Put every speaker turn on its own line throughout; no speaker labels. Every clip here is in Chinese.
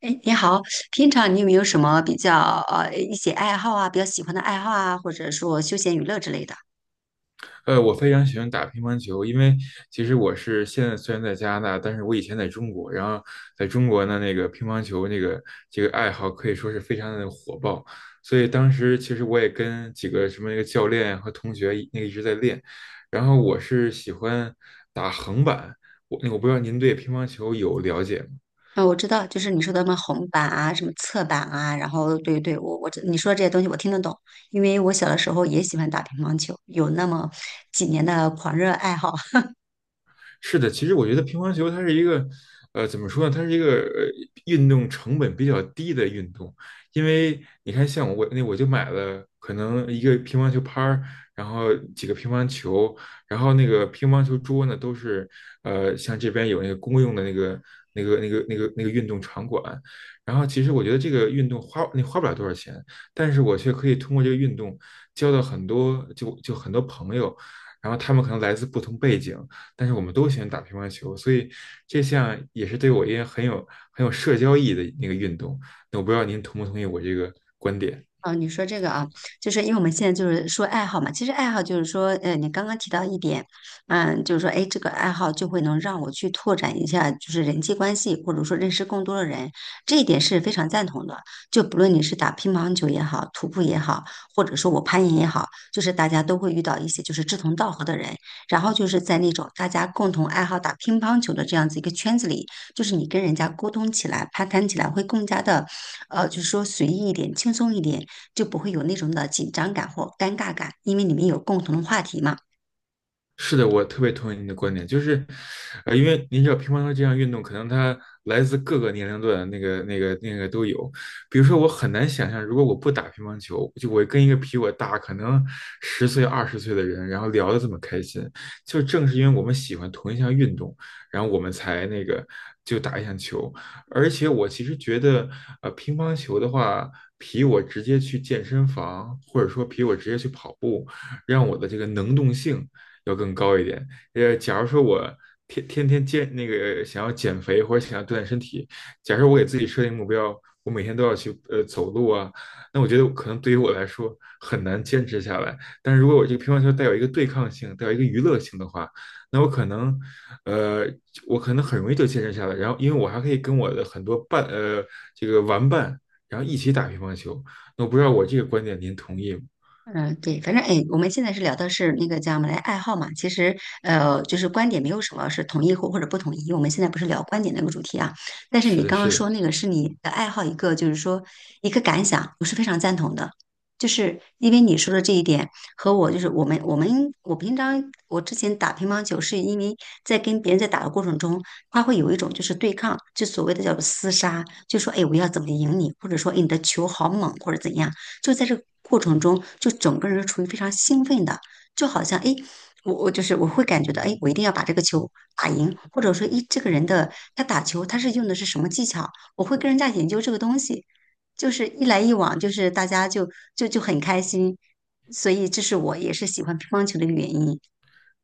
哎，你好，平常你有没有什么比较一些爱好啊，比较喜欢的爱好啊，或者说休闲娱乐之类的？
我非常喜欢打乒乓球，因为其实我是现在虽然在加拿大，但是我以前在中国，然后在中国呢，那个乒乓球那个这个爱好可以说是非常的火爆，所以当时其实我也跟几个什么那个教练和同学那个一直在练，然后我是喜欢打横板，我不知道您对乒乓球有了解吗？
啊、我知道，就是你说的什么红板啊，什么侧板啊，然后对对，我知你说的这些东西我听得懂，因为我小的时候也喜欢打乒乓球，有那么几年的狂热爱好。
是的，其实我觉得乒乓球它是一个，怎么说呢？它是一个运动成本比较低的运动，因为你看，像我那我就买了可能一个乒乓球拍儿，然后几个乒乓球，然后那个乒乓球桌呢都是，像这边有那个公用的那个运动场馆，然后其实我觉得这个运动花不了多少钱，但是我却可以通过这个运动交到很多就很多朋友，然后他们可能来自不同背景。但是我们都喜欢打乒乓球，所以这项也是对我一个很有社交意义的那个运动。那我不知道您同不同意我这个观点。
哦，你说这个啊，就是因为我们现在就是说爱好嘛，其实爱好就是说，你刚刚提到一点，嗯，就是说，哎，这个爱好就会能让我去拓展一下，就是人际关系，或者说认识更多的人，这一点是非常赞同的。就不论你是打乒乓球也好，徒步也好，或者说我攀岩也好，就是大家都会遇到一些就是志同道合的人，然后就是在那种大家共同爱好打乒乓球的这样子一个圈子里，就是你跟人家沟通起来、攀谈起来会更加的，就是说随意一点、轻松一点。就不会有那种的紧张感或尴尬感，因为你们有共同的话题嘛。
是的，我特别同意您的观点，就是，因为您知道乒乓球这项运动，可能它来自各个年龄段，那个都有。比如说，我很难想象，如果我不打乒乓球，就我跟一个比我大可能十岁、20岁的人，然后聊得这么开心，就正是因为我们喜欢同一项运动，然后我们才那个就打一项球。而且我其实觉得，乒乓球的话，比我直接去健身房，或者说比我直接去跑步，让我的这个能动性要更高一点。假如说我天天那个想要减肥或者想要锻炼身体，假设我给自己设定目标，我每天都要去走路啊，那我觉得可能对于我来说很难坚持下来。但是如果我这个乒乓球带有一个对抗性，带有一个娱乐性的话，那呃我可能很容易就坚持下来。然后因为我还可以跟我的很多这个玩伴，然后一起打乒乓球。那我不知道我这个观点您同意吗？
嗯，对，反正哎，我们现在是聊的是那个叫什么来爱好嘛，其实就是观点没有什么是统一或者不同意，我们现在不是聊观点那个主题啊。但是
是
你
的，
刚刚
是
说那
的。
个是你的爱好，一个就是说一个感想，我是非常赞同的，就是因为你说的这一点和我就是我们我平常我之前打乒乓球是因为在跟别人在打的过程中，他会有一种就是对抗，就所谓的叫做厮杀，就说哎我要怎么赢你，或者说哎你的球好猛或者怎样。就在这个过程中，就整个人是处于非常兴奋的，就好像哎，我就是我会感觉到哎，我一定要把这个球打赢，或者说哎，这个人的他打球他是用的是什么技巧，我会跟人家研究这个东西，就是一来一往，就是大家就很开心，所以这是我也是喜欢乒乓球的一个原因。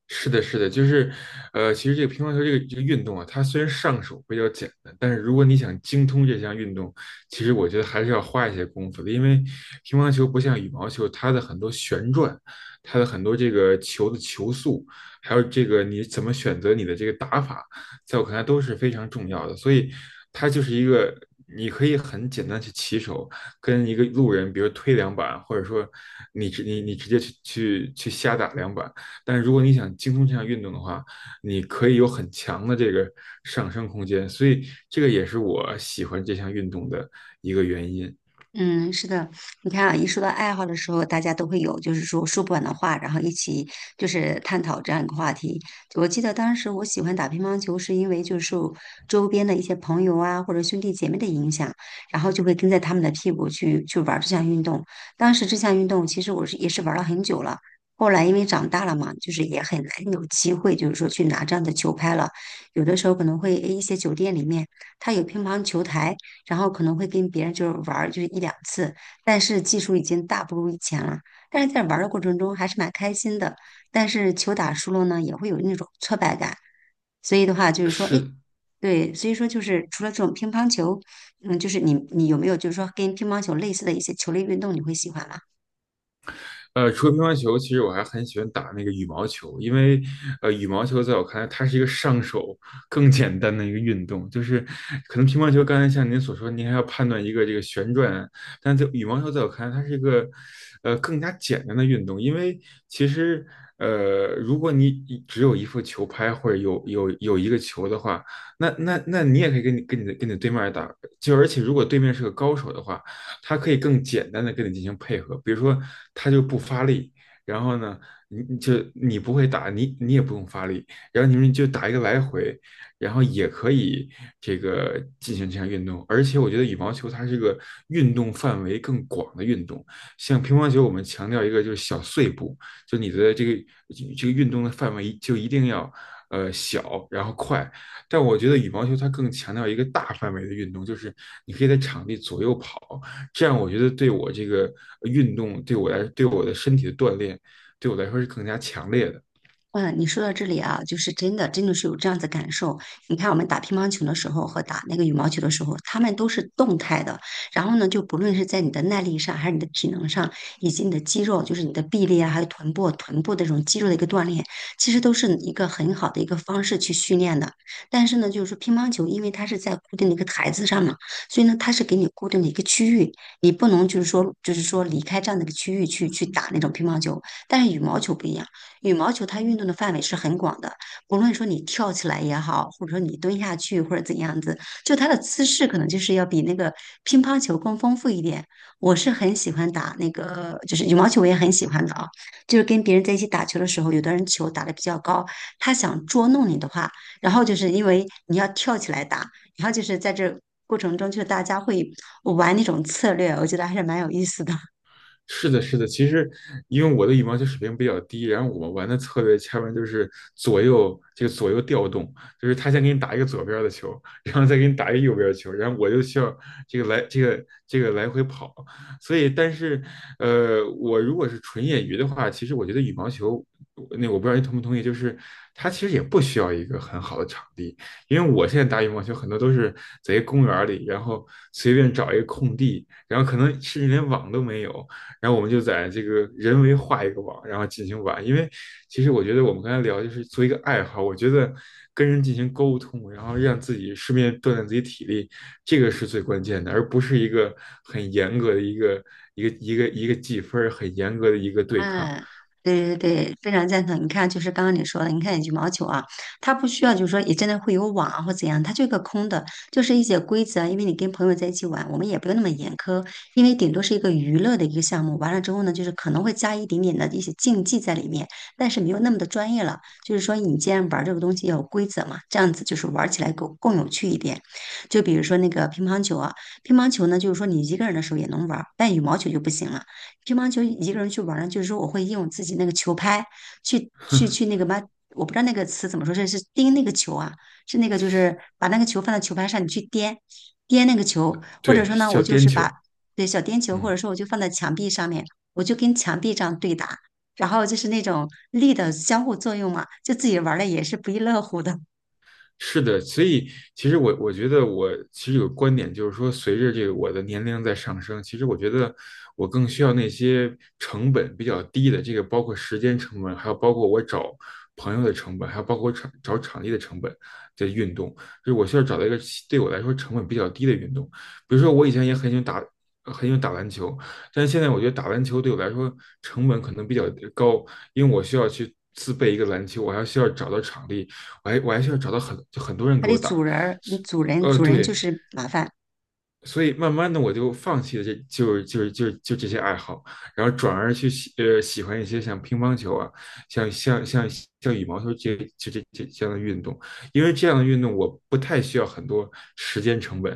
是的，是的，就是，其实这个乒乓球这个运动啊，它虽然上手比较简单，但是如果你想精通这项运动，其实我觉得还是要花一些功夫的，因为乒乓球不像羽毛球，它的很多旋转，它的很多这个球的球速，还有这个你怎么选择你的这个打法，在我看来都是非常重要的，所以它就是一个你可以很简单去起手，跟一个路人，比如推两板，或者说你直你你直接去瞎打两板。但是如果你想精通这项运动的话，你可以有很强的这个上升空间，所以这个也是我喜欢这项运动的一个原因。
嗯，是的，你看啊，一说到爱好的时候，大家都会有就是说说不完的话，然后一起就是探讨这样一个话题。我记得当时我喜欢打乒乓球，是因为就是受周边的一些朋友啊或者兄弟姐妹的影响，然后就会跟在他们的屁股去玩这项运动。当时这项运动其实我是也是玩了很久了，后来因为长大了嘛，就是也很难有机会就是说去拿这样的球拍了。有的时候可能会诶一些酒店里面它有乒乓球台。然后可能会跟别人就是玩儿就是一两次，但是技术已经大不如以前了。但是在玩儿的过程中还是蛮开心的，但是球打输了呢，也会有那种挫败感。所以的话就是说，哎，
是。
对，所以说就是除了这种乒乓球，嗯，就是你有没有就是说跟乒乓球类似的一些球类运动，你会喜欢吗？
除了乒乓球，其实我还很喜欢打那个羽毛球，因为羽毛球在我看来，它是一个上手更简单的一个运动。就是可能乒乓球，刚才像您所说，您还要判断一个这个旋转啊，但在羽毛球在我看来，它是一个更加简单的运动，因为其实如果你只有一副球拍或者有一个球的话，那你也可以跟你的对面打，就而且如果对面是个高手的话。它可以更简单的跟你进行配合，比如说它就不发力，然后呢，你不会打，你也不用发力，然后你们就打一个来回，然后也可以这个进行这项运动。而且我觉得羽毛球它是个运动范围更广的运动，像乒乓球我们强调一个就是小碎步，就你的这个运动的范围就一定要小然后快，但我觉得羽毛球它更强调一个大范围的运动，就是你可以在场地左右跑，这样我觉得对我这个运动，对我来，对我的身体的锻炼，对我来说是更加强烈的。
哇，你说到这里啊，就是真的，真的是有这样子感受。你看，我们打乒乓球的时候和打那个羽毛球的时候，他们都是动态的。然后呢，就不论是在你的耐力上，还是你的体能上，以及你的肌肉，就是你的臂力啊，还有臀部、臀部的这种肌肉的一个锻炼，其实都是一个很好的一个方式去训练的。但是呢，就是说乒乓球，因为它是在固定的一个台子上嘛，所以呢，它是给你固定的一个区域，你不能就是说，就是说离开这样的一个区域去打那种乒乓球。但是羽毛球不一样。羽毛球它运动的范围是很广的，不论说你跳起来也好，或者说你蹲下去或者怎样子，就它的姿势可能就是要比那个乒乓球更丰富一点。我是很喜欢打那个，就是羽毛球我也很喜欢的啊，就是跟别人在一起打球的时候，有的人球打得比较高，他想捉弄你的话，然后就是因为你要跳起来打，然后就是在这。过程中，就是大家会玩那种策略，我觉得还是蛮有意思的。
是的，是的。其实，因为我的羽毛球水平比较低，然后我们玩的策略下面就是左右调动，就是他先给你打一个左边的球，然后再给你打一个右边的球，然后我就需要这个来这个这个来回跑。所以，但是，我如果是纯业余的话，其实我觉得羽毛球，那我不知道你同不同意，就是它其实也不需要一个很好的场地，因为我现在打羽毛球很多都是在一个公园里，然后随便找一个空地，然后可能甚至连网都没有。然后我们就在这个人为画一个网，然后进行玩。因为其实我觉得我们刚才聊就是做一个爱好，我觉得跟人进行沟通，然后让自己顺便锻炼自己体力，这个是最关键的，而不是一个很严格的一个计分很严格的一个对抗。
嗯，对对对，非常赞同。你看，就是刚刚你说的，你看羽毛球啊，它不需要就是说也真的会有网啊或怎样，它就一个空的，就是一些规则啊因为你跟朋友在一起玩，我们也不用那么严苛，因为顶多是一个娱乐的一个项目。完了之后呢，就是可能会加一点点的一些竞技在里面，但是没有那么的专业了。就是说，你既然玩这个东西要有规则嘛，这样子就是玩起来更有趣一点。就比如说那个乒乓球啊，乒乓球呢，就是说你一个人的时候也能玩儿，但羽毛球就不行了。乒乓球一个人去玩儿呢，就是说我会用自己那个球拍去那个嘛，我不知道那个词怎么说，是钉那个球啊，是那个就是把那个球放在球拍上，你去颠颠那个球，或者
对，
说呢，我
叫
就
颠
是把
球。
对小颠球，或
嗯。
者说我就放在墙壁上面，我就跟墙壁这样对打，然后就是那种力的相互作用嘛，就自己玩的也是不亦乐乎的。
是的，所以其实我觉得我其实有个观点，就是说，随着这个我的年龄在上升，其实我觉得我更需要那些成本比较低的，这个包括时间成本，还有包括我找朋友的成本，还有包括找场地的成本的运动，就是我需要找到一个对我来说成本比较低的运动。比如说，我以前也很喜欢打篮球，但是现在我觉得打篮球对我来说成本可能比较高，因为我需要去自备一个篮球，我还需要找到场地，哎，我还需要找到就很多人
还
给
得
我打，
组人儿，
是。
嗯组人就
对，
是麻烦，
所以慢慢的我就放弃了这就是就是就是就这些爱好，然后转而去喜欢一些像乒乓球啊，像像像像羽毛球这样的运动，因为这样的运动我不太需要很多时间成本，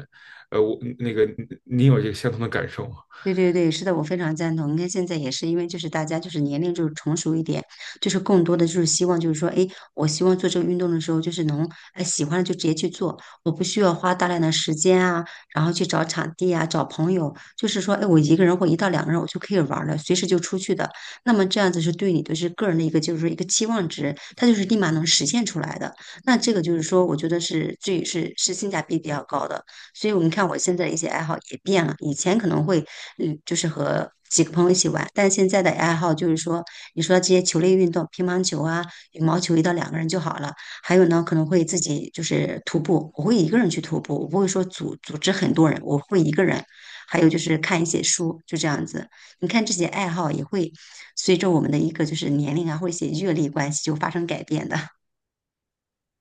我那个你有这个相同的感受吗？
对对对，是的，我非常赞同。你看现在也是，因为就是大家就是年龄就是成熟一点，就是更多的就是希望就是说，哎，我希望做这个运动的时候，就是能哎喜欢了就直接去做，我不需要花大量的时间啊，然后去找场地啊，找朋友，就是说，哎，我一个人或一到两个人我就可以玩儿了，随时就出去的。那么这样子是对你的是个人的一个就是说一个期望值，它就是立马能实现出来的。那这个就是说，我觉得是是性价比比较高的。所以我们看我现在的一些爱好也变了，以前可能会，嗯，就是和几个朋友一起玩，但现在的爱好就是说，你说这些球类运动，乒乓球啊、羽毛球，一到两个人就好了。还有呢，可能会自己就是徒步，我会一个人去徒步，我不会说组织很多人，我会一个人。还有就是看一些书，就这样子。你看这些爱好也会随着我们的一个就是年龄啊，或者一些阅历关系就发生改变的。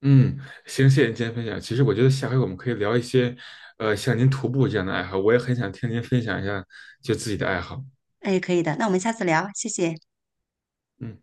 嗯，行，谢谢您今天分享。其实我觉得下回我们可以聊一些，像您徒步这样的爱好，我也很想听您分享一下就自己的爱好。
哎，可以的，那我们下次聊，谢谢。
嗯。